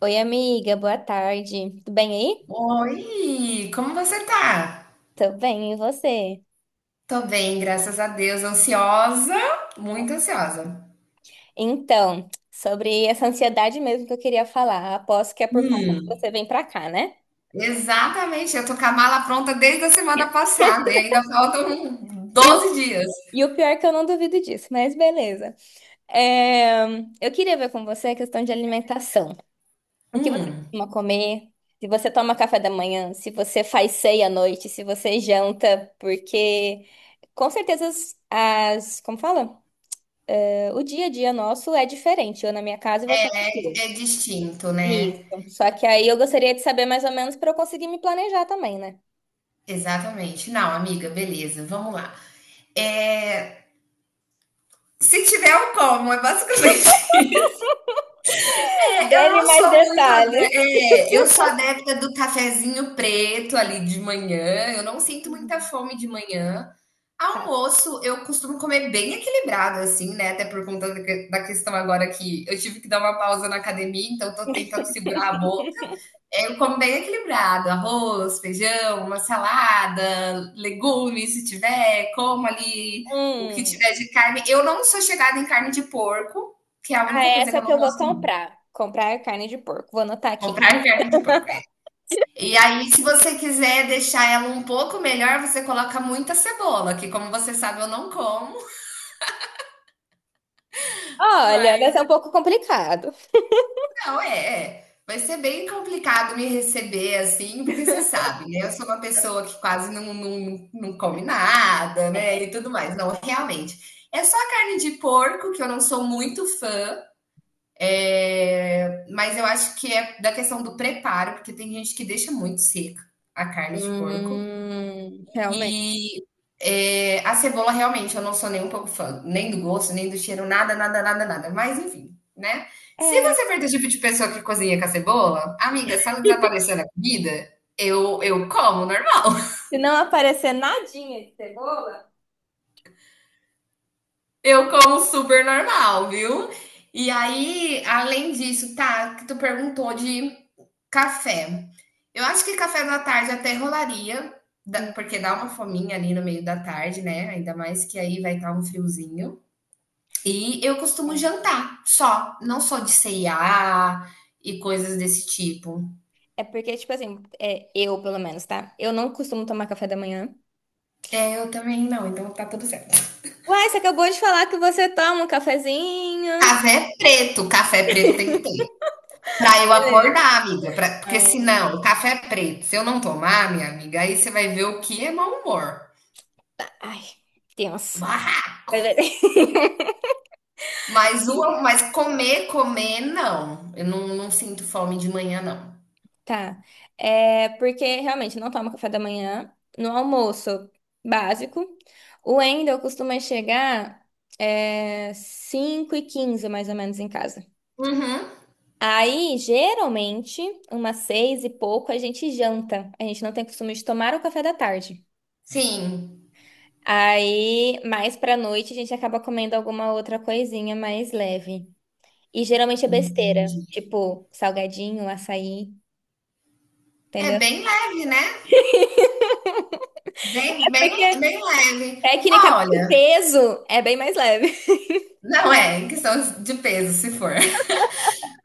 Oi, amiga, boa tarde. Tudo bem aí? Oi, como você tá? Tô bem, e você? Tô bem, graças a Deus. Ansiosa, muito ansiosa. Então, sobre essa ansiedade mesmo que eu queria falar, aposto que é por conta que Hum, você vem pra cá, né? exatamente, eu tô com a mala pronta desde a semana passada e ainda faltam E o, 12 dias. e o pior é que eu não duvido disso, mas beleza. É, eu queria ver com você a questão de alimentação. O que você Hum, costuma comer? Se você toma café da manhã, se você faz ceia à noite, se você janta, porque com certeza como fala? O dia a dia nosso é diferente, eu na minha casa e você na é sua. distinto, Isso. né? Só que aí eu gostaria de saber mais ou menos para eu conseguir me planejar também, né? Exatamente. Não, amiga, beleza, vamos lá. É, se tiver o como, é basicamente É, eu Dê-me não mais sou muito detalhes. adepta, eu sou adepta do cafezinho preto ali de manhã. Eu não sinto muita Uhum. fome de manhã. Tá. Almoço, eu costumo comer bem equilibrado, assim, né? Até por conta da questão agora que eu tive que dar uma pausa na academia, então tô tentando segurar a boca. É, eu como bem equilibrado, arroz, feijão, uma salada, legumes, se tiver, como ali o que Hum, tiver de carne. Eu não sou chegada em carne de porco, que é a ah, única coisa que essa eu que não eu vou gosto. comprar. Comprar carne de porco. Vou anotar aqui. Comprar carne de porco, é. E aí, se você quiser deixar ela um pouco melhor, você coloca muita cebola, que como você sabe, eu não como, Olha, mas vai ser um pouco complicado. não. Vai ser bem complicado me receber assim, porque você sabe, né? Eu sou uma pessoa que quase não, não, não come nada, né? E tudo mais. Não, realmente. É só a carne de porco, que eu não sou muito fã, mas eu acho que é da questão do preparo, porque tem gente que deixa muito seca a carne de porco. Realmente. E a cebola, realmente, eu não sou nem um pouco fã, nem do gosto, nem do cheiro, nada, nada, nada, nada. Mas enfim, né? Se É, você for do tipo de pessoa que cozinha com a cebola, amiga, se ela desaparecer na comida, eu como normal. se não aparecer nadinha de cebola. Eu como super normal, viu? E aí, além disso, tá, que tu perguntou de café. Eu acho que café da tarde até rolaria, Hum, porque dá uma fominha ali no meio da tarde, né? Ainda mais que aí vai estar um friozinho. E eu costumo é. jantar só, não sou de ceia e coisas desse tipo. É porque, tipo assim, eu pelo menos, tá? Eu não costumo tomar café da manhã. É, eu também não, então tá tudo certo. Uai, você acabou de falar que você toma um cafezinho. Café é preto, café preto tem que ter. Pra eu Beleza. acordar, amiga, porque Ah, senão, café é preto, se eu não tomar, minha amiga, aí você vai ver o que é mau humor. ai, tenso. Barraco. Beleza. Mas, mas comer, comer, não. Eu não, não sinto fome de manhã, não. Tá. É porque realmente não tomo café da manhã. No almoço básico. O Wendel costuma chegar 5h15, mais ou menos, em casa. Uhum, Aí, geralmente, umas seis e pouco, a gente janta. A gente não tem costume de tomar o café da tarde. sim. Aí, mais pra noite, a gente acaba comendo alguma outra coisinha mais leve. E geralmente é besteira, tipo salgadinho, açaí, É entendeu? bem leve, né? É Bem, bem, porque bem leve. tecnicamente o Olha, peso é bem mais leve. não é em questão de peso, se for.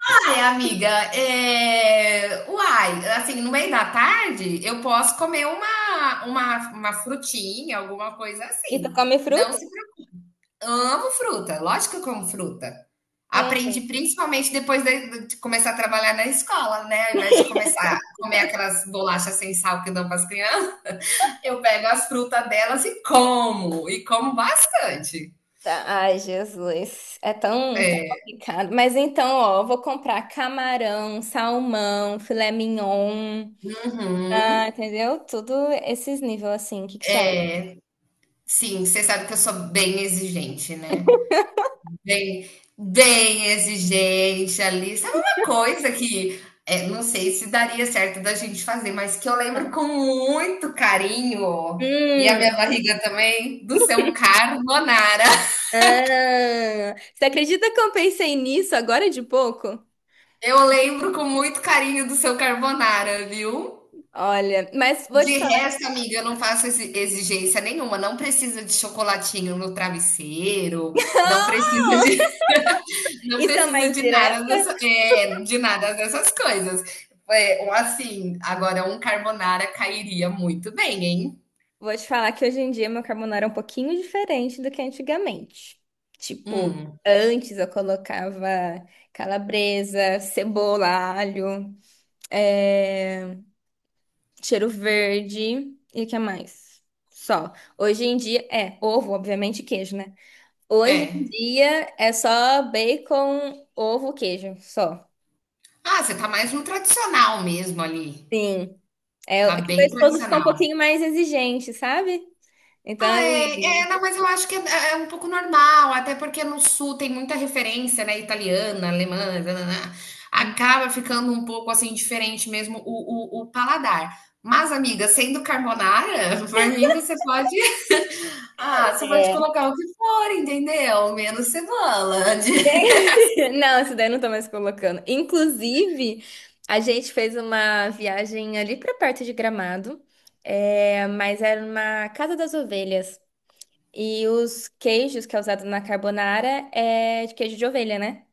Ai, amiga, uai, assim, no meio da tarde eu posso comer uma frutinha, alguma coisa E tu assim. come Não fruta? se preocupe. Amo fruta, lógico que eu como fruta. Aprendi Eita, principalmente depois de começar a trabalhar na escola, né? Ao invés de começar a comer aquelas bolachas sem sal que dão para as crianças, eu pego as frutas delas e como bastante. ai, Jesus, é tão É, complicado. Mas então, ó, eu vou comprar camarão, salmão, filé mignon, Uhum. ah, entendeu? Tudo esses níveis assim. O que que você acha? É. Sim, você sabe que eu sou bem exigente, né? Bem, bem exigente ali. Sabe uma coisa que, não sei se daria certo da gente fazer, mas que eu lembro com muito carinho, e a Hum, minha barriga também, do seu carbonara. ah, você acredita que eu pensei nisso agora de pouco? Eu lembro com muito carinho do seu carbonara, viu? Olha, mas vou te De falar. resto, amiga, eu não faço exigência nenhuma. Não precisa de chocolatinho no travesseiro, não precisa de Não Isso é uma precisa de nada, indireta? de nada dessas coisas. É, ou assim, agora um carbonara cairia muito bem, hein? Vou te falar que hoje em dia meu carbonara é um pouquinho diferente do que antigamente. Tipo, Hum, antes eu colocava calabresa, cebola, alho, é, cheiro verde e o que mais? Só. Hoje em dia é ovo, obviamente, e queijo, né? Hoje em é. dia é só bacon, ovo, queijo, só. Ah, você tá mais no tradicional mesmo ali. Sim. É, Tá é que meu bem esposo fica um tradicional. pouquinho mais exigente, sabe? Então, Ah, é, ele- é, não, mas eu acho que é, é um pouco normal, até porque no sul tem muita referência, né? Italiana, alemã, nananã. Acaba ficando um pouco assim diferente mesmo o paladar. Mas, amiga, sendo carbonara, por mim você pode é, colocar o que for, entendeu? Menos cebola. Não, essa daí eu não tô mais colocando. Inclusive, a gente fez uma viagem ali pra perto de Gramado, mas era uma casa das ovelhas. E os queijos que é usado na carbonara é de queijo de ovelha, né?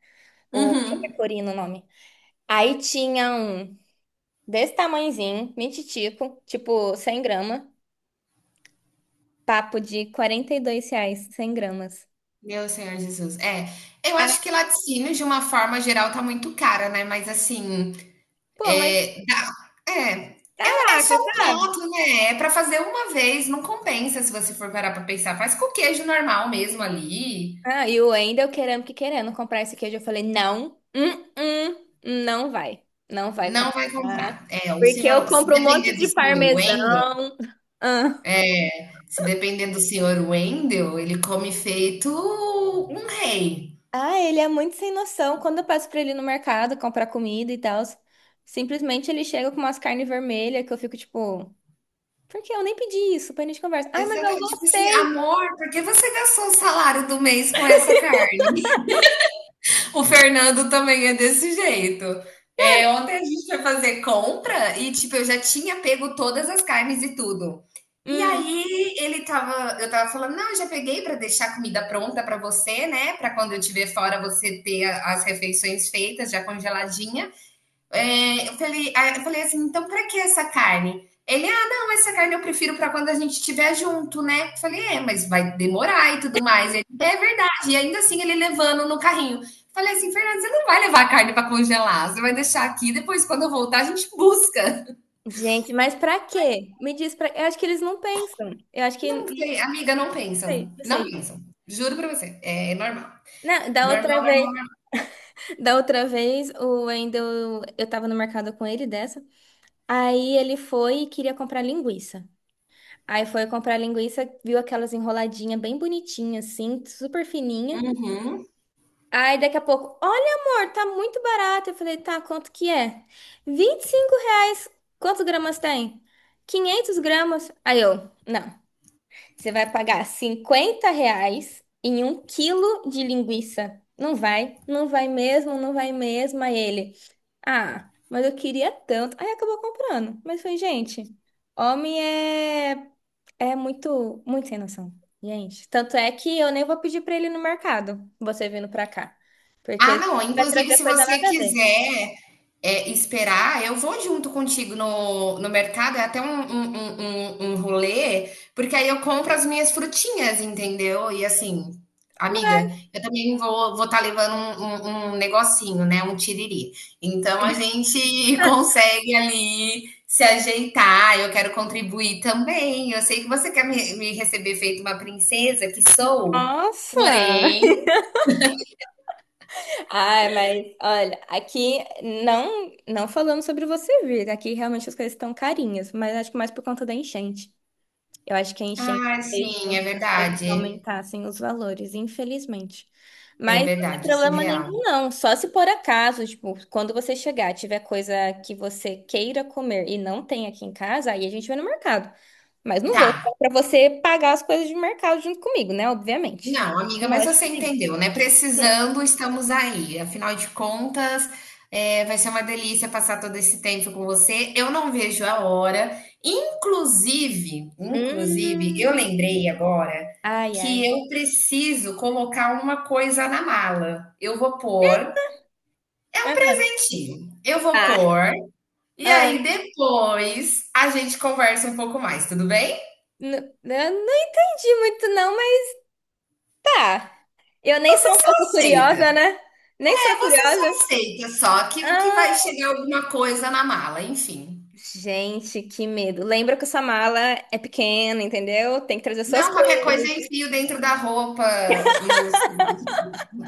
O Uhum. pecorino o nome. Aí tinha um desse tamanhozinho, mititico, tipo 100 gramas, papo de R$ 42, 100 gramas. Meu Senhor Jesus. É, eu Ah, acho que laticínio, de uma forma geral, tá muito cara, né? Mas assim, pô, mas é, é, é é só saca, um sabe? prato, né? É pra fazer uma vez, não compensa se você for parar pra pensar. Faz com queijo normal mesmo ali. Ah, e o Wendel querendo comprar esse queijo. Eu falei, não, não vai. Não vai Não vai comprar. comprar. É, o Porque eu senhor, se compro um depender monte do de senhor Wendel, parmesão. Ah, se depender do senhor Wendel, ele come feito um rei. ah, ele é muito sem noção. Quando eu passo pra ele no mercado comprar comida e tal, simplesmente ele chega com umas carnes vermelhas que eu fico tipo, por que eu nem pedi isso? Pra gente conversa. Ai, mas eu Exatamente. Tipo assim, gostei. amor, por que você gastou o salário do mês com essa carne? O Fernando também é desse jeito. É, ontem a gente foi fazer compra e, tipo, eu já tinha pego todas as carnes e tudo. E Hum. aí eu tava falando, não, eu já peguei para deixar a comida pronta para você, né? Para quando eu estiver fora você ter as refeições feitas, já congeladinha. Eu falei assim, então para que essa carne? Ele, não, essa carne eu prefiro para quando a gente estiver junto, né? Eu falei, mas vai demorar e tudo mais. Ele, é verdade. E ainda assim ele levando no carrinho. Eu falei assim, Fernando, você não vai levar a carne para congelar, você vai deixar aqui, depois quando eu voltar a gente busca. Gente, mas pra quê? Me diz pra. Eu acho que eles não pensam. Eu acho que. Não Não sei, amiga, não sei, pensam, não não sei. pensam. Juro para você, é normal. Não, da Normal, outra normal. vez. Da outra vez, o Wendel, eu tava no mercado com ele dessa. Aí ele foi e queria comprar linguiça. Aí foi comprar linguiça, viu aquelas enroladinhas bem bonitinhas, assim, super fininha. Uhum. Aí daqui a pouco, olha amor, tá muito barato. Eu falei, tá, quanto que é? 25 reais. Quantos gramas tem? 500 gramas. Aí eu, não, você vai pagar 50 reais em um quilo de linguiça. Não vai, não vai mesmo, não vai mesmo. Aí ele. Ah, mas eu queria tanto. Aí acabou comprando. Mas foi, gente, homem é muito sem noção. Gente, tanto é que eu nem vou pedir pra ele ir no mercado, você vindo pra cá. Ah, Porque não, vai inclusive trazer se coisa você nada a ver. quiser, esperar, eu vou junto contigo no mercado, é até um rolê, porque aí eu compro as minhas frutinhas, entendeu. E assim, Vai. amiga, eu também vou estar levando um um negocinho, né, um tiriri. Então a gente consegue ali se ajeitar, eu quero contribuir também, eu sei que você quer me receber feito uma princesa que sou, Nossa! porém. Ai, mas olha, aqui não falando sobre você vir, aqui realmente as coisas estão carinhas, mas acho que mais por conta da enchente. Eu acho que a enchente Ah, fez com sim, é que as coisas verdade. aumentassem os valores, infelizmente. É Mas não tem verdade, isso é problema real. nenhum, não. Só se por acaso, tipo, quando você chegar, tiver coisa que você queira comer e não tem aqui em casa, aí a gente vai no mercado. Mas não Tá. vou falar pra você pagar as coisas de mercado junto comigo, né? Obviamente. Não, amiga, mas Lógico você que sim. entendeu, né? Precisando, estamos aí. Afinal de contas, vai ser uma delícia passar todo esse tempo com você. Eu não vejo a hora. Inclusive, eu Hum. lembrei agora Ai, que ai. eu preciso colocar uma coisa na mala. Eu vou pôr um É, dentinho. Eu vou Ah, pôr, e ah. aí depois a gente conversa um pouco mais, tudo bem? N- eu não entendi muito, não. Ah, eu nem sou um pouco curiosa, Aceita. né? Nem sou É, você só curiosa. aceita, só que vai Ah, chegar alguma coisa na mala, enfim. gente, que medo. Lembra que essa mala é pequena, entendeu? Tem que trazer suas Não, qualquer coisa coisas, eu enfio dentro da roupa, nos-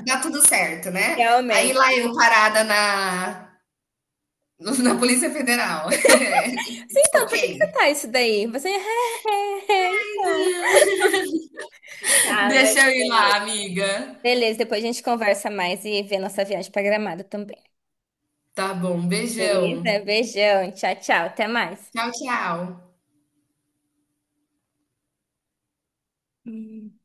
dá tudo certo, né? Aí lá realmente. eu parada na Polícia Federal. Sim, então, Ok. por que que você tá isso daí? Você, é, então. Tá, mas... Deixa eu ir lá, amiga. Beleza, depois a gente conversa mais e vê nossa viagem pra Gramado também. Tá bom, beijão. Beleza? Beijão, tchau, tchau, até mais. Tchau, tchau. Hum.